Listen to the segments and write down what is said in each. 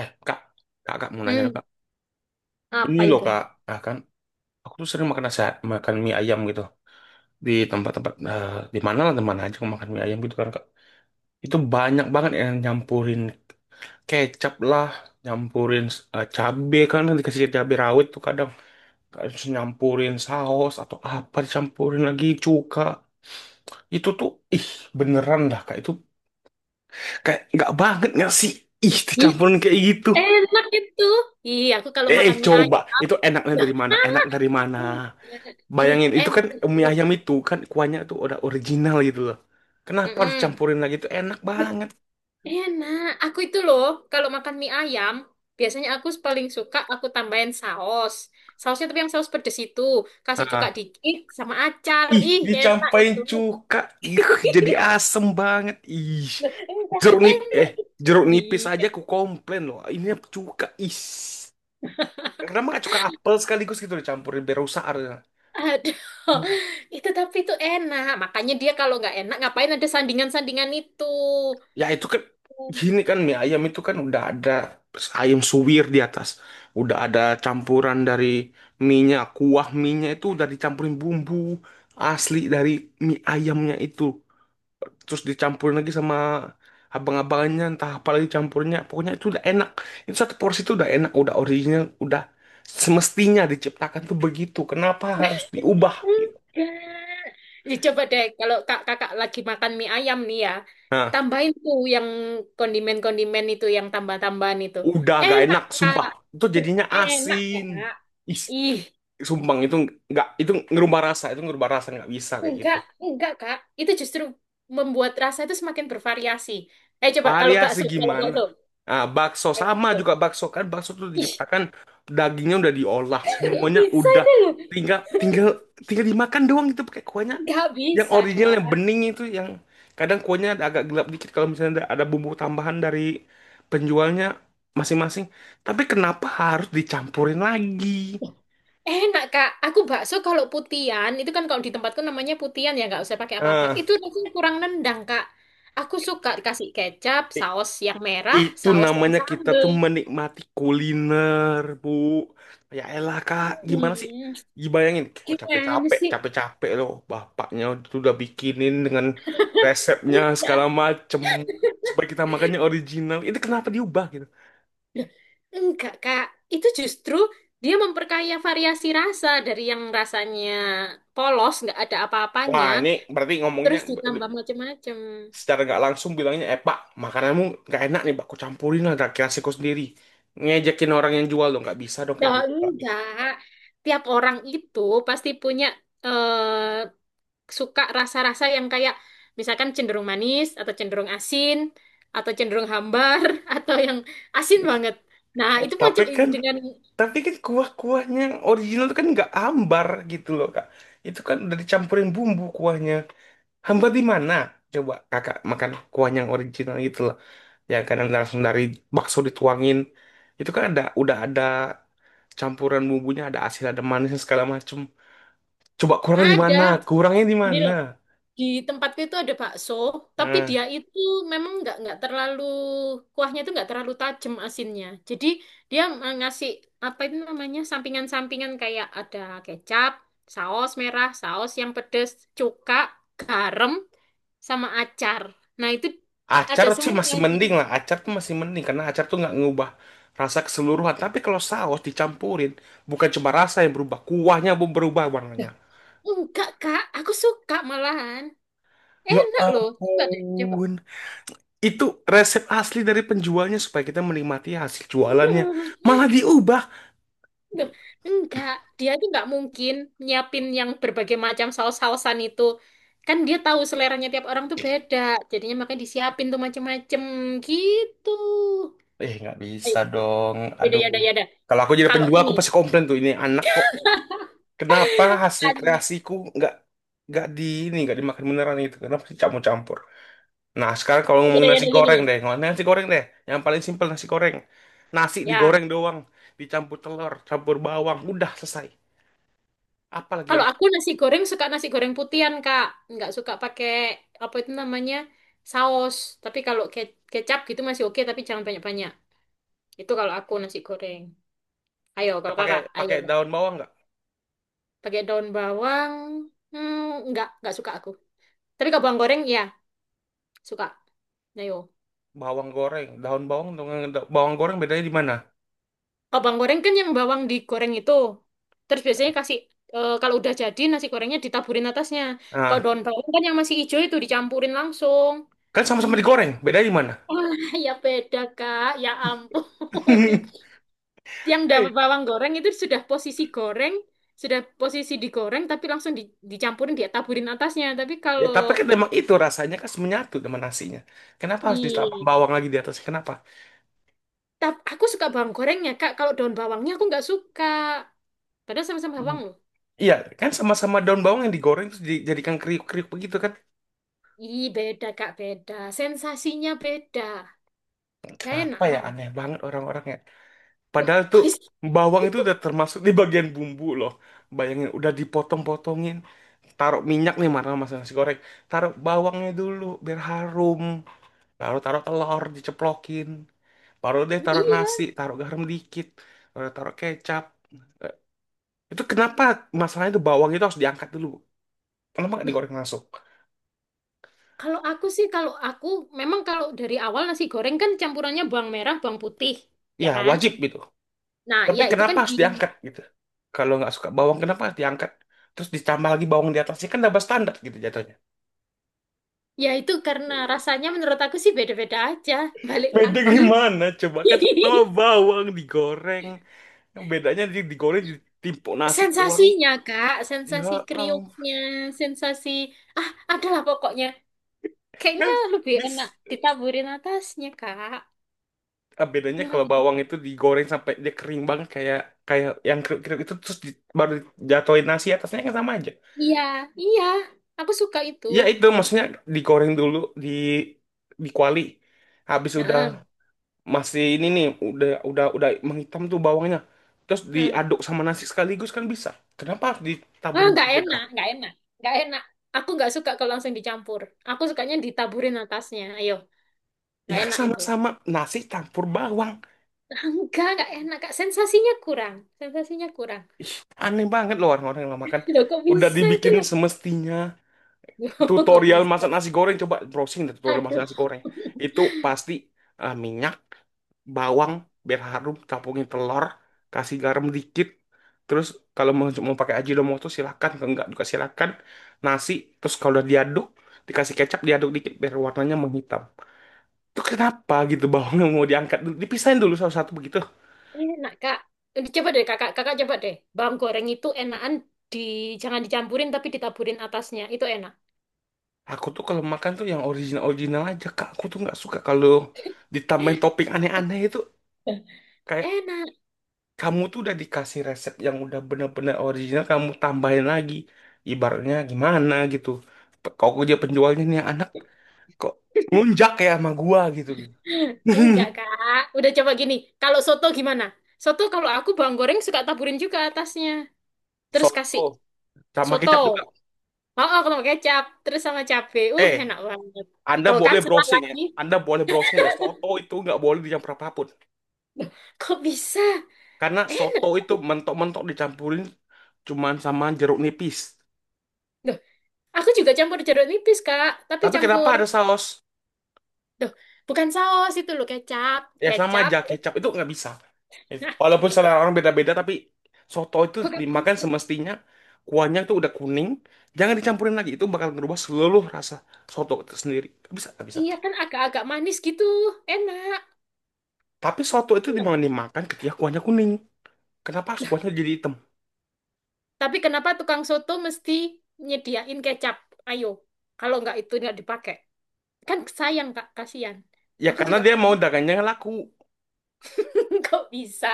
Eh, kak mau nanya dong, Hmm, kak. Ini apa loh itu? kak, kan aku tuh sering makan nasi, makan mie ayam gitu di tempat-tempat di mana lah, di mana aja aku makan mie ayam gitu kan kak. Itu banyak banget yang nyampurin kecap lah, nyampurin cabe kan dikasih cabe rawit tuh kadang harus nyampurin saus atau apa dicampurin lagi cuka. Itu tuh, ih, beneran dah kak, itu kayak nggak banget nggak sih? Ih, Ih, dicampurin kayak gitu. enak itu. Ih, aku kalau Eh, makan mie coba. ayam. Itu enaknya Nah, dari mana? Enak dari mana? ih, ih, Bayangin, itu enak kan itu. mie ayam itu kan kuahnya tuh udah original gitu loh. Kenapa harus Mm-mm. campurin lagi? Itu enak banget. Enak. Aku itu loh, kalau makan mie ayam, biasanya aku paling suka aku tambahin saus. Sausnya tapi yang saus pedes itu. Kasih cuka Ah. dikit sama acar. Ih, Ih, enak dicampain itu. cuka, ih jadi asem banget. Ih. Loh, Jeruk nip eh enak itu. jeruk nipis Ih, aja aku komplain loh. Ini cuka. Ih. Kenapa nggak cuka apel sekaligus gitu dicampurin biar rusak harusnya. aduh. Itu tapi itu enak. Makanya dia kalau nggak enak, ngapain ada sandingan-sandingan itu. Ya itu kan, gini kan mie ayam itu kan udah ada ayam suwir di atas. Udah ada campuran dari mie-nya, kuah mie-nya itu udah dicampurin bumbu asli dari mie ayamnya itu. Terus dicampurin lagi sama abang-abangannya entah apa lagi campurnya. Pokoknya itu udah enak. Itu satu porsi itu udah enak, udah original, udah semestinya diciptakan tuh begitu. Kenapa harus diubah gitu? Enggak. Ya, coba deh, kalau kakak lagi makan mie ayam nih ya, Nah, tambahin tuh yang kondimen-kondimen itu, yang tambah-tambahan itu. udah gak Enak, enak, sumpah. Kak. Itu Duh, jadinya asin. Kak. Ih, Ih, sumbang itu, nggak, itu ngerubah rasa, itu ngerubah rasa, nggak bisa kayak gitu. enggak, enggak, Kak. Itu justru membuat rasa itu semakin bervariasi. Eh, coba kalau Variasi bakso, kalau gimana? bakso. Bakso Kalau sama juga, bakso. bakso kan bakso tuh Ih, diciptakan dagingnya udah diolah nggak semuanya, bisa udah itu loh. tinggal tinggal tinggal dimakan doang gitu pakai kuahnya Nggak yang bisa, original, yang Kak. bening itu, yang kadang kuahnya ada agak gelap dikit kalau misalnya ada bumbu tambahan dari penjualnya masing-masing, tapi kenapa harus dicampurin lagi? Enak, Kak. Aku bakso kalau putian, itu kan kalau di tempatku namanya putian ya, nggak usah pakai apa-apa. ah Itu rasanya kurang nendang, Kak. Aku suka dikasih kecap, saus yang merah, Itu saus yang namanya kita sambel. tuh menikmati kuliner, Bu. Ya elah, Kak. Gimana sih? Hmm, Dibayangin, oh gimana capek-capek, sih? capek-capek loh. Bapaknya itu udah bikinin dengan resepnya segala Enggak. macem. Supaya kita makannya original. Itu kenapa diubah gitu? Loh, Enggak, Kak. Itu justru dia memperkaya variasi rasa dari yang rasanya polos, nggak ada apa-apanya, Wah, ini berarti ngomongnya terus ditambah macam-macam. secara nggak langsung bilangnya, eh Pak, makananmu nggak enak nih, Pak. Aku campurin lah, gak kira sendiri. Ngejekin orang yang jual dong, nggak bisa dong Nah, kayak gitu, Pak. enggak. Tiap orang itu pasti punya eh, suka rasa-rasa yang kayak misalkan cenderung manis atau cenderung asin atau cenderung hambar atau yang asin banget. Nah, Eh, itu tapi macam kan dengan Tapi kan kuah-kuahnya yang original itu kan nggak ambar gitu loh kak. Itu kan udah dicampurin bumbu kuahnya. Hambar di mana? Coba kakak makan kuah yang original gitu loh. Ya kan yang langsung dari bakso dituangin. Itu kan udah ada campuran bumbunya, ada asin, ada manisnya segala macem. Coba kurang di ada mana? Kurangnya di gini mana? loh. Di tempatku itu ada bakso, tapi Nah, dia itu memang nggak terlalu kuahnya itu nggak terlalu tajam asinnya. Jadi dia ngasih apa itu namanya sampingan-sampingan kayak ada kecap, saus merah, saus yang pedes, cuka, garam, sama acar. Nah, itu ada acar sih semua. masih Jadi. mending lah. Acar tuh masih mending karena acar tuh nggak ngubah rasa keseluruhan. Tapi kalau saus dicampurin, bukan cuma rasa yang berubah, kuahnya pun berubah warnanya. Loh, enggak, Kak. Aku suka malahan. Ya Enak loh. Coba deh, coba. ampun. Itu resep asli dari penjualnya supaya kita menikmati hasil jualannya. Malah diubah. Loh, enggak. Dia itu enggak mungkin nyiapin yang berbagai macam saus-sausan itu. Kan dia tahu seleranya tiap orang tuh beda. Jadinya makanya disiapin tuh macem-macem gitu. Eh, nggak Ayo, bisa dong. yaudah, Aduh. yaudah, yaudah. Kalau aku jadi Kalau penjual, ini, aku pasti komplain tuh. Ini anak kok. Kenapa hasil kan, kreasiku nggak nggak di ini nggak dimakan beneran itu? Kenapa sih campur-campur? Nah, sekarang kalau ngomongin yaudah, nasi yaudah, gini, goreng Mas. deh, ngomongin nasi goreng deh. Yang paling simpel nasi goreng. Nasi Ya, digoreng doang, dicampur telur, campur bawang, udah selesai. Apalagi kalau aku nasi goreng suka nasi goreng putihan, Kak. Nggak suka pakai apa itu namanya saus. Tapi kalau kecap gitu masih oke, tapi jangan banyak-banyak. Itu kalau aku nasi goreng. Ayo, kalau pakai kakak, ayo. pakai daun bawang nggak? Pakai daun bawang, hmm, nggak suka aku. Tapi kalau bawang goreng, ya suka. Ayo. Bawang goreng, daun bawang dengan bawang goreng bedanya di mana? Kalau bawang goreng kan yang bawang digoreng itu. Terus biasanya kasih, kalau udah jadi nasi gorengnya ditaburin atasnya. Kalau Nah, daun bawang kan yang masih hijau itu dicampurin langsung. kan sama-sama digoreng, bedanya di mana? Wah, ya beda, Kak. Ya ampun. Yang Hei, dapat bawang goreng itu sudah posisi goreng, sudah posisi digoreng, tapi langsung dicampurin, dia taburin atasnya. Tapi ya, tapi kalau... kan memang itu rasanya kan menyatu dengan nasinya. Kenapa harus ditambah Ih, bawang lagi di atasnya? Kenapa? aku suka bawang gorengnya, Kak. Kalau daun bawangnya aku nggak suka. Padahal sama-sama Mm, bawang loh. iya, kan sama-sama daun bawang yang digoreng terus dijadikan kriuk-kriuk begitu kan? Ih, beda, Kak. Beda. Sensasinya beda. Gak Kenapa enak ya lah. aneh banget orang-orang ya. Loh, Padahal kok tuh bisa? bawang itu udah termasuk di bagian bumbu loh. Bayangin, udah dipotong-potongin, taruh minyak nih marah masak nasi goreng, taruh bawangnya dulu biar harum. Baru taruh telur diceplokin, baru deh taruh Iya. nasi, taruh garam dikit, baru taruh kecap. Itu kenapa masalahnya itu bawang itu harus diangkat dulu? Kenapa nggak Loh, digoreng langsung? kalau aku sih, kalau aku... Memang kalau dari awal nasi goreng kan campurannya bawang merah, bawang putih. Ya Ya kan? wajib gitu, Nah, tapi ya itu kenapa kan di, harus diangkat gitu? Kalau nggak suka bawang, kenapa harus diangkat terus ditambah lagi bawang di atasnya? Kan double standar gitu jatuhnya. ya itu karena rasanya menurut aku sih beda-beda aja. Balik Beda lagi. gimana coba, kan sama bawang digoreng, yang bedanya di digoreng ditimpuk nasi doang. Sensasinya, Kak, sensasi Ya, um, kriuknya, sensasi, adalah pokoknya. Kayaknya kan lebih enak bis- ditaburin atasnya, Kak. ah, bedanya kalau Wah, bawang itu digoreng sampai dia kering banget kayak kayak yang kriuk-kriuk itu terus baru jatuhin nasi atasnya, kan sama aja. Iya, iya, aku suka itu. Ya itu maksudnya digoreng dulu di di kuali. Habis udah Heeh, masih ini nih udah menghitam tuh bawangnya. Terus heeh. diaduk sama nasi sekaligus kan bisa. Kenapa harus ditabur Ah, nggak berbeda? enak, nggak enak, nggak enak. Aku nggak suka kalau langsung dicampur. Aku sukanya ditaburin atasnya. Ayo, Ya nggak kan enak itu. sama-sama nasi campur bawang. Enggak enak, Kak. Sensasinya kurang. Sensasinya kurang. Ih, aneh banget loh orang-orang yang makan. Loh, kok Udah bisa itu dibikin loh? semestinya, Loh, kok tutorial bisa? masak nasi goreng, coba browsing deh tutorial masak nasi Aduh, goreng itu pasti minyak, bawang biar harum, campurin telur, kasih garam dikit, terus kalau mau pakai Ajinomoto silakan, kalau enggak juga silakan, nasi, terus kalau udah diaduk dikasih kecap diaduk dikit biar warnanya menghitam. Itu kenapa gitu bawangnya mau diangkat dulu, dipisahin dulu satu-satu begitu? enak, Kak. Eh, coba deh, Kakak. Kakak coba deh. Bawang goreng itu enakan di jangan dicampurin tapi ditaburin atasnya. Itu enak. Aku tuh kalau makan tuh yang original original aja, kak. Aku tuh nggak suka kalau ditambahin topping aneh-aneh itu, kayak Enak. kamu tuh udah dikasih resep yang udah bener-bener original, kamu tambahin lagi, ibaratnya gimana gitu. Kok dia penjualnya, nih anak kok nunjak ya sama gua gitu. Enggak, Kak. Udah coba gini. Kalau soto gimana? Soto kalau aku bawang goreng suka taburin juga atasnya. Terus Soto kasih sama soto. kecap juga, Oh, oh, kalau kecap. Terus sama cabe. Eh Enak banget. Anda Tuh kan boleh salah browsing ya lagi. Anda boleh browsing deh, soto itu nggak boleh dicampur apapun Loh, kok bisa? karena soto itu mentok-mentok dicampurin cuman sama jeruk nipis, Duh, aku juga campur jeruk nipis, Kak. Tapi tapi campur, kenapa ada saus? duh, bukan saus itu loh, kecap. Ya sama Kecap. aja, kecap itu nggak bisa. Aduh, Walaupun selera orang beda-beda, tapi soto itu kok gak dimakan bisa? semestinya kuahnya itu udah kuning, jangan dicampurin lagi. Itu bakal ngerubah seluruh rasa soto itu sendiri. Gak bisa, gak bisa. Iya kan agak-agak manis gitu. Enak. Tapi soto itu Enak. dimana dimakan ketika kuahnya kuning. Kenapa harus Nah, kuahnya jadi hitam? tapi kenapa tukang soto mesti nyediain kecap? Ayo, kalau nggak itu nggak dipakai. Kan sayang, Kak. Kasihan. Ya Aku karena juga, dia mau dagangnya laku. kok bisa?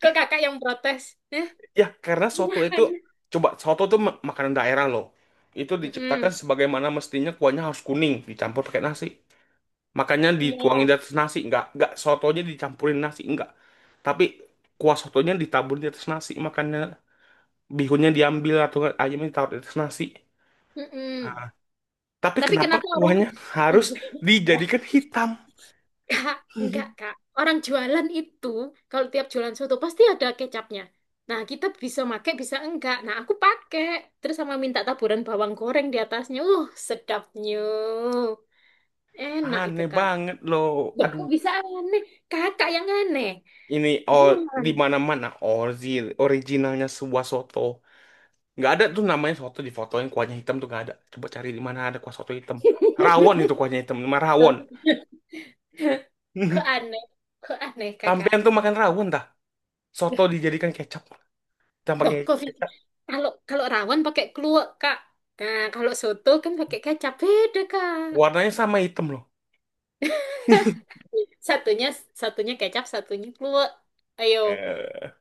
Kok kakak yang protes? Eh, Ya karena soto itu, coba soto itu makanan daerah loh. Itu diciptakan Mm-mm. sebagaimana mestinya kuahnya harus kuning, dicampur pakai nasi. Makanya dituangin di Iya. atas nasi, nggak sotonya dicampurin nasi, nggak. Tapi kuah sotonya ditabur di atas nasi, makanya bihunnya diambil atau nggak ayamnya ditaruh di atas nasi. Ah. Mm-mm. Tapi Tapi kenapa kenapa orang... kuahnya harus dijadikan hitam? Kak, enggak Kak. Orang jualan itu kalau tiap jualan soto pasti ada kecapnya. Nah, kita bisa pakai bisa enggak. Nah, aku pakai terus sama minta taburan bawang goreng di atasnya. Sedapnya. Enak itu, Aneh Kak. banget loh. Loh, Aduh, kok bisa aneh? Kakak yang aneh. ini oh Gimana? di mana-mana originalnya sebuah soto. Nggak ada tuh namanya soto di foto yang kuahnya hitam tuh nggak ada. Coba cari di mana ada kuah soto hitam. Rawon itu kuahnya hitam, nama rawon. Kok aneh? Kok aneh, Kakak? Sampean tuh makan rawon dah. Nah, Soto dijadikan kecap. Jangan loh, kok bisa? kecap. Kalau kalau rawon pakai kluwek, Kak. Nah, kalau soto kan pakai kecap beda, Kak. Warnanya sama hitam loh. Satunya satunya kecap, satunya kluwek. Ayo. Eh,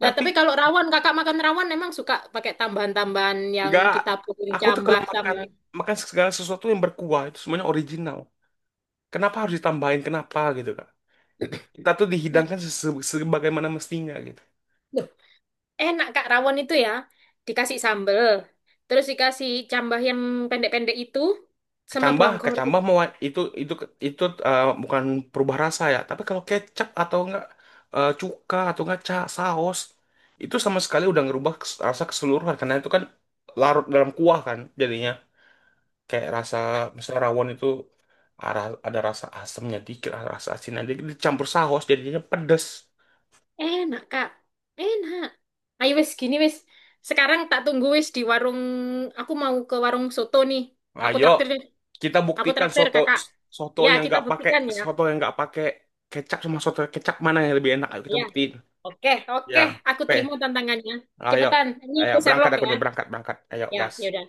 Nah, tapi kalau rawon, kakak makan rawon emang suka pakai tambahan-tambahan yang nggak. ditaburin Aku tuh kalau cambah makan sama. makan segala sesuatu yang berkuah itu semuanya original. Kenapa harus ditambahin? Kenapa gitu kak? Kita tuh dihidangkan sebagaimana mestinya gitu. Loh, enak kak rawon itu ya. Dikasih sambel, terus dikasih cambah yang pendek-pendek itu sama Kecambah, bawang goreng. kecambah mau itu itu itu bukan perubah rasa ya. Tapi kalau kecap atau enggak, cuka atau enggak saus itu sama sekali udah ngerubah rasa keseluruhan karena itu kan larut dalam kuah kan jadinya. Kayak rasa misalnya rawon itu ada rasa asamnya dikit, ada rasa asinnya dikit, dicampur saus jadinya pedes. Enak kak, enak. Ayo wes gini wes. Sekarang tak tunggu wes di warung. Aku mau ke warung soto nih. Nah, Aku ayo traktir kita Aku buktikan traktir soto kakak. soto Ya, yang kita nggak pakai buktikan ya. soto yang nggak pakai kecap sama soto kecap, mana yang lebih enak, ayo kita Ya. buktiin. Oke, oke, Ya, aku terima oke, tantangannya. ayo, Cepetan, ini ayo aku berangkat, Sherlock aku ya. nih berangkat, berangkat, ayo Ya, gas. ya